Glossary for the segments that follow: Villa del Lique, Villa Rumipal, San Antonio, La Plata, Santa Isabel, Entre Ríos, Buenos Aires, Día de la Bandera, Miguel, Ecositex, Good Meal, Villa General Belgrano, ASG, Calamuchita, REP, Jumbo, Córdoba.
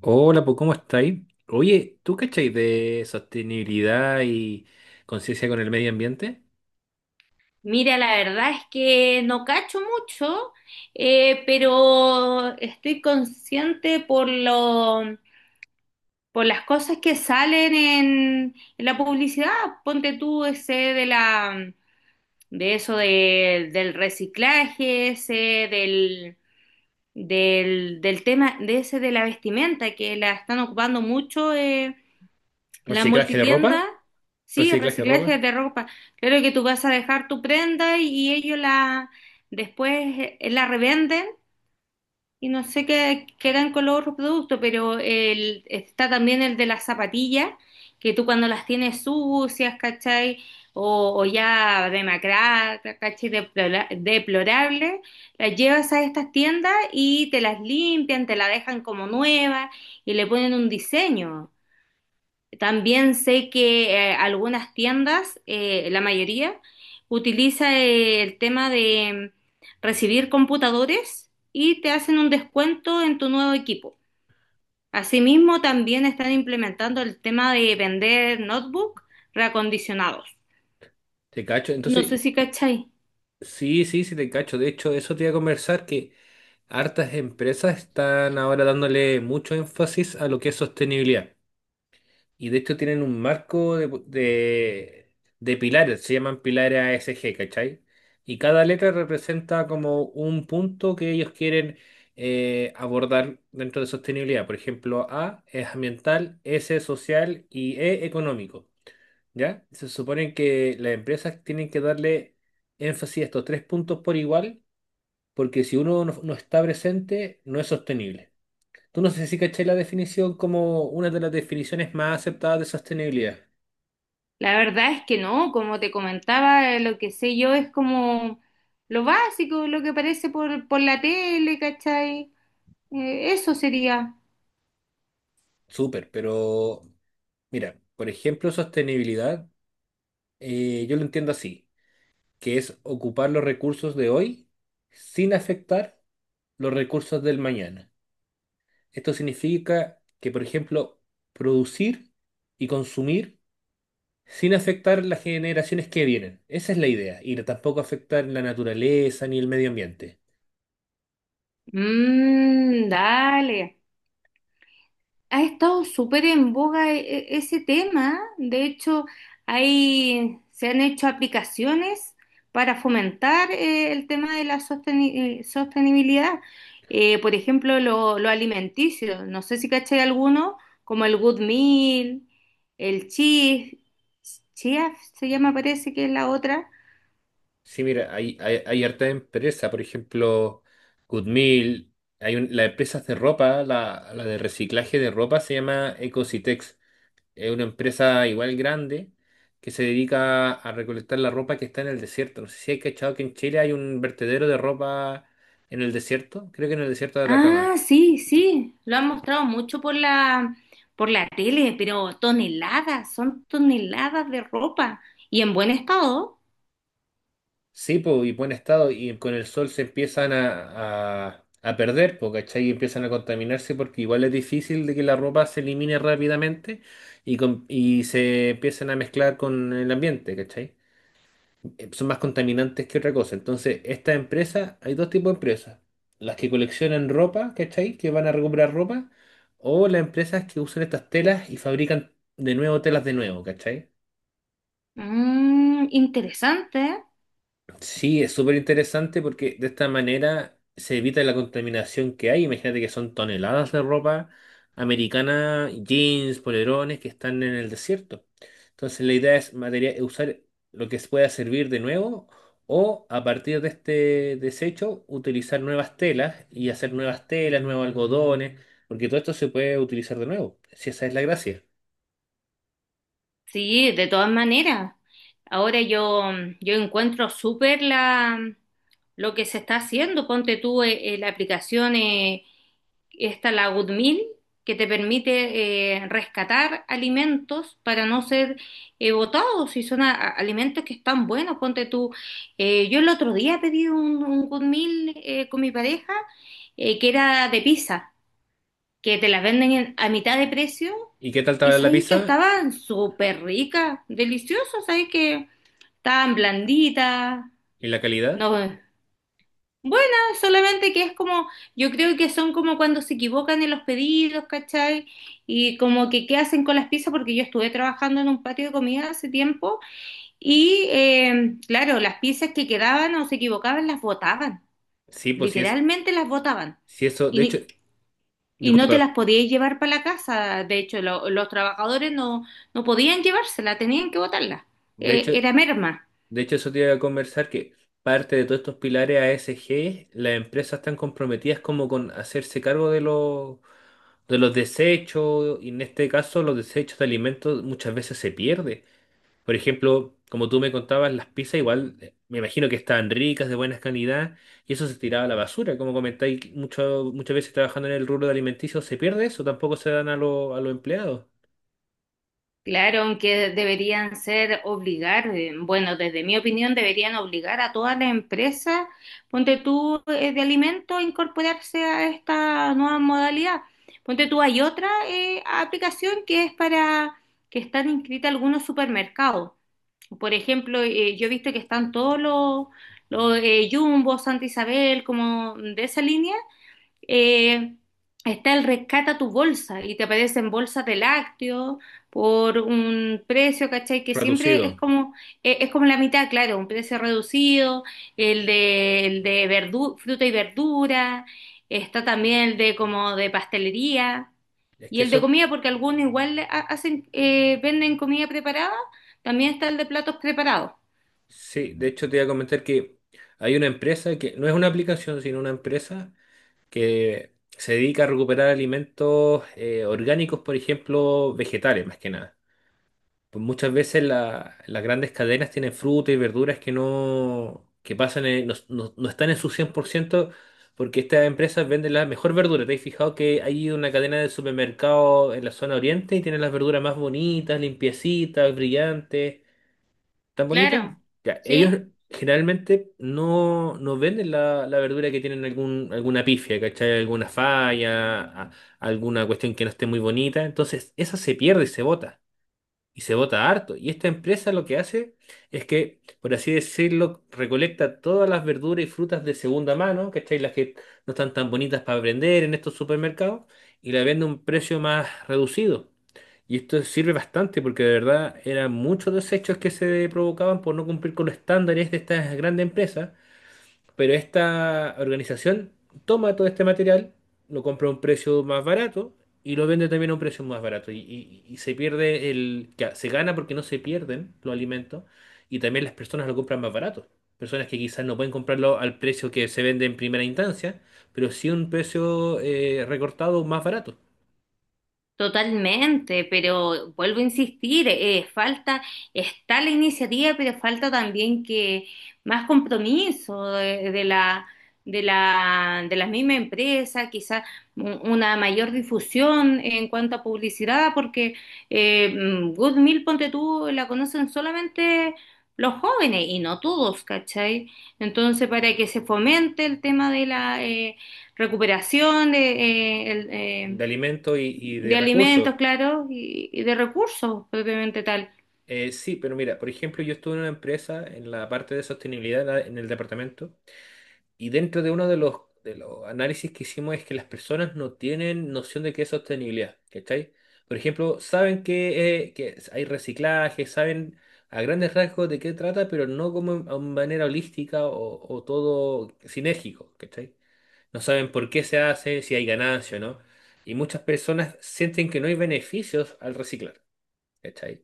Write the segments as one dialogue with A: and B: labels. A: Hola, pues ¿cómo estáis? Oye, ¿tú cacháis de sostenibilidad y conciencia con el medio ambiente?
B: Mira, la verdad es que no cacho mucho, pero estoy consciente por las cosas que salen en la publicidad. Ponte tú ese de eso del reciclaje, ese del, del tema de ese de la vestimenta que la están ocupando mucho. La
A: ¿Reciclaje de
B: multitienda,
A: ropa?
B: sí,
A: ¿Reciclaje de
B: reciclaje
A: ropa?
B: de ropa. Claro que tú vas a dejar tu prenda y ellos la después la revenden y no sé qué quedan con los otros productos, pero el, está también el de las zapatillas, que tú cuando las tienes sucias, ¿cachai? O ya demacradas, ¿cachai? Deplorables, las llevas a estas tiendas y te las limpian, te la dejan como nueva y le ponen un diseño. También sé que algunas tiendas, la mayoría, utiliza el tema de recibir computadores y te hacen un descuento en tu nuevo equipo. Asimismo, también están implementando el tema de vender notebook reacondicionados.
A: ¿Te cacho?
B: No sé
A: Entonces,
B: si cachai.
A: sí, sí, sí, te cacho. De hecho, eso te iba a conversar que hartas empresas están ahora dándole mucho énfasis a lo que es sostenibilidad. Y de hecho tienen un marco de pilares, se llaman pilares ASG, ¿cachai? Y cada letra representa como un punto que ellos quieren abordar dentro de sostenibilidad. Por ejemplo, A es ambiental, S es social y E económico, ¿ya? Se supone que las empresas tienen que darle énfasis a estos tres puntos por igual, porque si uno no está presente, no es sostenible. Tú no sé si caché la definición como una de las definiciones más aceptadas de sostenibilidad.
B: La verdad es que no, como te comentaba, lo que sé yo es como lo básico, lo que aparece por la tele, ¿cachai? Eso sería.
A: Súper, pero mira, por ejemplo, sostenibilidad, yo lo entiendo así, que es ocupar los recursos de hoy sin afectar los recursos del mañana. Esto significa que, por ejemplo, producir y consumir sin afectar las generaciones que vienen. Esa es la idea, y tampoco afectar la naturaleza ni el medio ambiente.
B: Mm, dale. Ha estado súper en boga ese tema. De hecho, hay, se han hecho aplicaciones para fomentar el tema de la sostenibilidad. Por ejemplo, lo alimenticio. No sé si caché alguno, como el Good Meal, el Chief, Chiaf se llama, parece que es la otra.
A: Sí, mira, hay harta empresa, por ejemplo, Good las empresas de ropa, la de reciclaje de ropa se llama Ecositex, es una empresa igual grande que se dedica a recolectar la ropa que está en el desierto. No sé si hay cachado que en Chile hay un vertedero de ropa en el desierto, creo que en el desierto de
B: Ah,
A: Atacama.
B: sí, sí, lo han mostrado mucho por la tele, pero toneladas, son toneladas de ropa y en buen estado.
A: Sí, po, y buen estado, y con el sol se empiezan a perder, po, ¿cachai? Y empiezan a contaminarse porque igual es difícil de que la ropa se elimine rápidamente y, y se empiezan a mezclar con el ambiente, ¿cachai? Son más contaminantes que otra cosa. Entonces, esta empresa, hay dos tipos de empresas. Las que coleccionan ropa, ¿cachai? Que van a recuperar ropa, o las empresas que usan estas telas y fabrican de nuevo telas de nuevo, ¿cachai?
B: Mm, interesante.
A: Sí, es súper interesante porque de esta manera se evita la contaminación que hay. Imagínate que son toneladas de ropa americana, jeans, polerones que están en el desierto. Entonces la idea es usar lo que pueda servir de nuevo o a partir de este desecho utilizar nuevas telas y hacer nuevas telas, nuevos algodones, porque todo esto se puede utilizar de nuevo, si esa es la gracia.
B: Sí, de todas maneras. Ahora yo, yo encuentro súper la lo que se está haciendo. Ponte tú la aplicación esta, la GoodMeal que te permite rescatar alimentos para no ser botados. Si son alimentos que están buenos, ponte tú. Yo el otro día pedí un Good con mi pareja, que era de pizza que te las venden a mitad de precio
A: ¿Y qué tal
B: y
A: estaba la
B: sabéis que
A: pizza
B: estaban súper ricas, deliciosas, sabéis que estaban blanditas,
A: y la calidad?
B: no, buenas, solamente que es como, yo creo que son como cuando se equivocan en los pedidos, ¿cachai? Y como que qué hacen con las pizzas, porque yo estuve trabajando en un patio de comida hace tiempo y claro, las pizzas que quedaban o se equivocaban las botaban,
A: Sí, pues si es,
B: literalmente las botaban.
A: si eso, de hecho,
B: Y no te
A: disculpa.
B: las podías llevar para la casa. De hecho, los trabajadores no, no podían llevársela, tenían que botarla.
A: De hecho,
B: Era merma.
A: Eso te iba a conversar que parte de todos estos pilares A S G las empresas están comprometidas como con hacerse cargo de los desechos, y en este caso los desechos de alimentos muchas veces se pierden. Por ejemplo, como tú me contabas, las pizzas igual me imagino que estaban ricas, de buena calidad, y eso se tiraba a la basura. Como comentáis, muchas veces trabajando en el rubro de alimenticio se pierde eso, tampoco se dan a los empleados.
B: Claro, aunque deberían ser obligar, bueno, desde mi opinión deberían obligar a todas las empresas, ponte tú, de alimentos, a incorporarse a esta nueva modalidad. Ponte tú, hay otra aplicación que es para que están inscritas algunos supermercados. Por ejemplo, yo he visto que están todos los Jumbo, Santa Isabel, como de esa línea, eh, está el rescata tu bolsa y te aparecen bolsas de lácteos por un precio, ¿cachai? Que siempre
A: Reducido.
B: es como la mitad, claro, un precio reducido, el de fruta y verdura, está también el de como de pastelería
A: Es
B: y
A: que
B: el de
A: eso
B: comida, porque algunos igual hacen, venden comida preparada, también está el de platos preparados,
A: sí, de hecho te iba a comentar que hay una empresa que no es una aplicación, sino una empresa que se dedica a recuperar alimentos orgánicos, por ejemplo, vegetales más que nada. Pues muchas veces las grandes cadenas tienen frutas y verduras que no, que pasan en- no, no- no están en su 100%, porque estas empresas venden la mejor verdura. ¿Te has fijado que hay una cadena de supermercados en la zona oriente y tienen las verduras más bonitas, limpiecitas, brillantes? ¿Tan bonita?
B: claro,
A: Ya, ellos
B: ¿sí?
A: generalmente no venden la verdura que tienen alguna pifia, ¿cachai? Alguna falla, alguna cuestión que no esté muy bonita. Entonces, esa se pierde y se bota y se vota harto. Y esta empresa lo que hace es que, por así decirlo, recolecta todas las verduras y frutas de segunda mano, ¿cachai? Las que no están tan bonitas para vender en estos supermercados y la vende a un precio más reducido. Y esto sirve bastante porque de verdad eran muchos desechos que se provocaban por no cumplir con los estándares de estas grandes empresas, pero esta organización toma todo este material, lo compra a un precio más barato y lo vende también a un precio más barato. Y se pierde el que se gana porque no se pierden los alimentos y también las personas lo compran más barato. Personas que quizás no pueden comprarlo al precio que se vende en primera instancia, pero sí un precio recortado más barato
B: Totalmente, pero vuelvo a insistir, falta, está la iniciativa, pero falta también que más compromiso de la misma empresa, quizás una mayor difusión en cuanto a publicidad, porque Good Meal, ponte tú, la conocen solamente los jóvenes y no todos, ¿cachai? Entonces, para que se fomente el tema de la recuperación,
A: de alimentos y de
B: de alimentos,
A: recursos.
B: claro, y de recursos propiamente tal.
A: Sí, pero mira, por ejemplo, yo estuve en una empresa en la parte de sostenibilidad en en el departamento. Y dentro de uno de los análisis que hicimos es que las personas no tienen noción de qué es sostenibilidad, ¿cachai? Por ejemplo, saben que hay reciclaje, saben a grandes rasgos de qué trata, pero no como a manera holística o todo sinérgico, ¿cachai? No saben por qué se hace, si hay ganancia o no. Y muchas personas sienten que no hay beneficios al reciclar, ¿cachai?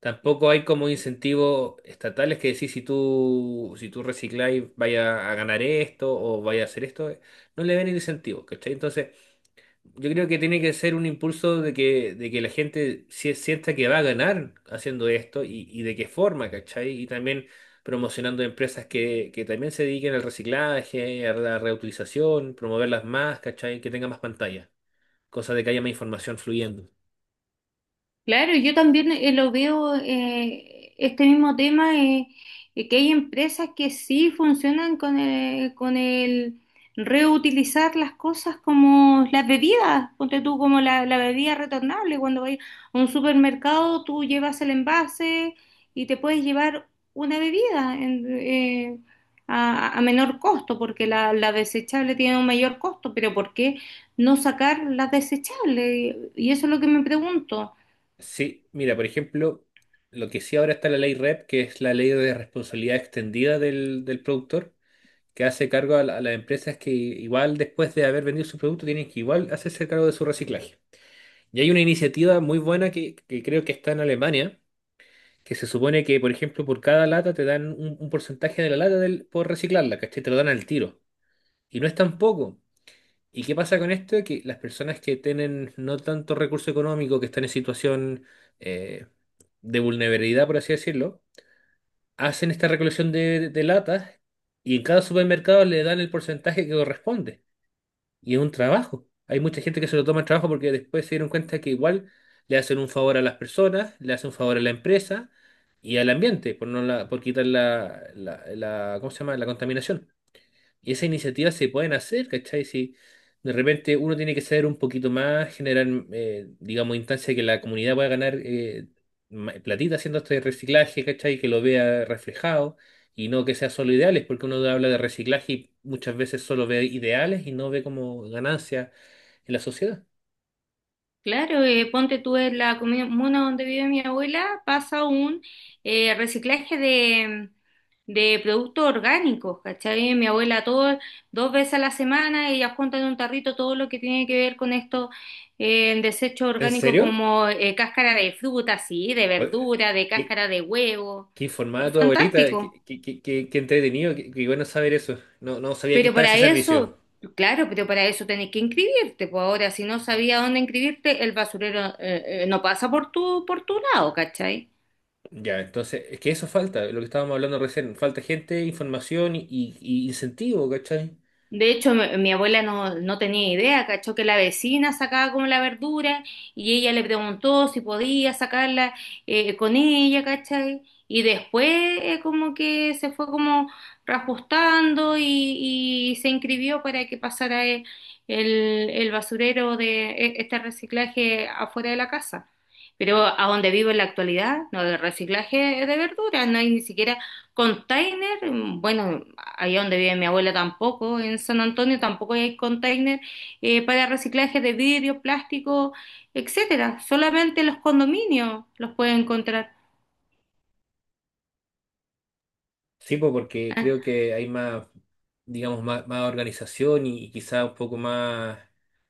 A: Tampoco hay como incentivos estatales que decir si tú, si tú recicláis vaya a ganar esto o vaya a hacer esto. No le ven el incentivo, ¿cachai? Entonces, yo creo que tiene que ser un impulso de que la gente sienta que va a ganar haciendo esto y de qué forma, ¿cachai? Y también promocionando empresas que también se dediquen al reciclaje, a la reutilización, promoverlas más, ¿cachai? Que tengan más pantalla, cosa de que haya más información fluyendo.
B: Claro, yo también lo veo, este mismo tema, que hay empresas que sí funcionan con el reutilizar las cosas como las bebidas, ponte tú como la bebida retornable, cuando vas a un supermercado tú llevas el envase y te puedes llevar una bebida a menor costo, porque la desechable tiene un mayor costo, pero ¿por qué no sacar las desechables? Y eso es lo que me pregunto.
A: Sí, mira, por ejemplo, lo que sí ahora está la ley REP, que es la ley de responsabilidad extendida del productor, que hace cargo a las empresas que igual después de haber vendido su producto tienen que igual hacerse cargo de su reciclaje. Y hay una iniciativa muy buena que creo que está en Alemania, que se supone que, por ejemplo, por cada lata te dan un porcentaje de la lata por reciclarla, ¿cachai? Te lo dan al tiro. Y no es tan poco. ¿Y qué pasa con esto? Que las personas que tienen no tanto recurso económico, que están en situación… eh, de vulnerabilidad, por así decirlo, hacen esta recolección de latas y en cada supermercado le dan el porcentaje que corresponde. Y es un trabajo. Hay mucha gente que se lo toma en trabajo porque después se dieron cuenta que igual le hacen un favor a las personas, le hacen un favor a la empresa y al ambiente por, no la- por quitar la, ¿cómo se llama? La contaminación. Y esas iniciativas se pueden hacer, ¿cachai? Si de repente uno tiene que ser un poquito más, generar, digamos, instancia que la comunidad pueda ganar platita haciendo este reciclaje, ¿cachai? Que lo vea reflejado y no que sea solo ideales, porque uno habla de reciclaje y muchas veces solo ve ideales y no ve como ganancia en la sociedad.
B: Claro, ponte tú en la comuna donde vive mi abuela, pasa un reciclaje de productos orgánicos, ¿cachai? Mi abuela todo, dos veces a la semana, ella junta en un tarrito todo lo que tiene que ver con esto, desecho
A: ¿En
B: orgánico
A: serio?
B: como cáscara de fruta, sí, de
A: Oye,
B: verdura, de
A: qué,
B: cáscara de huevo.
A: qué informada
B: Es
A: tu abuelita,
B: fantástico.
A: qué entretenido, qué, qué bueno saber eso. No, no sabía que
B: Pero
A: estaba
B: para
A: ese servicio.
B: eso, claro, pero para eso tenés que inscribirte, pues ahora si no sabía dónde inscribirte, el basurero no pasa por tu lado, ¿cachai?
A: Ya, entonces, es que eso falta, lo que estábamos hablando recién, falta gente, información y, y incentivo, ¿cachai?
B: De hecho, mi abuela no, no tenía idea, cachó que la vecina sacaba como la verdura y ella le preguntó si podía sacarla con ella, ¿cachai? Y después como que se fue como reajustando y se inscribió para que pasara el basurero de este reciclaje afuera de la casa. Pero a donde vivo en la actualidad, no, de reciclaje de verduras, no hay ni siquiera container, mm, bueno allá donde vive mi abuela tampoco, en San Antonio tampoco hay container para reciclaje de vidrio, plástico, etcétera. Solamente los condominios los pueden encontrar.
A: Sí, po, porque creo
B: Ah,
A: que hay más, digamos, más organización y quizá un poco más,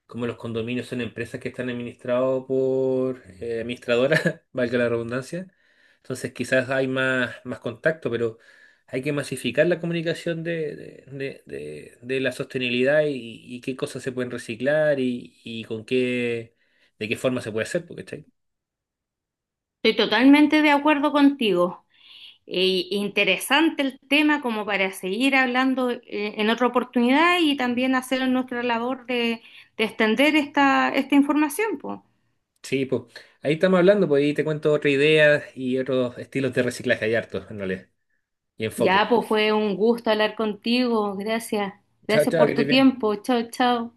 A: como los condominios son empresas que están administrados por administradoras, valga la redundancia, entonces quizás hay más, más contacto, pero hay que masificar la comunicación de la sostenibilidad y qué cosas se pueden reciclar y con qué, de qué forma se puede hacer, porque está.
B: estoy totalmente de acuerdo contigo. Interesante el tema como para seguir hablando en otra oportunidad y también hacer nuestra labor de extender esta información, po.
A: Sí, pues ahí estamos hablando, pues ahí te cuento otras ideas y otros estilos de reciclaje, hay hartos, en realidad. Y enfoque.
B: Ya, pues fue un gusto hablar contigo. Gracias.
A: Chao,
B: Gracias
A: chao, que
B: por
A: te
B: tu
A: vaya bien.
B: tiempo. Chao, chao.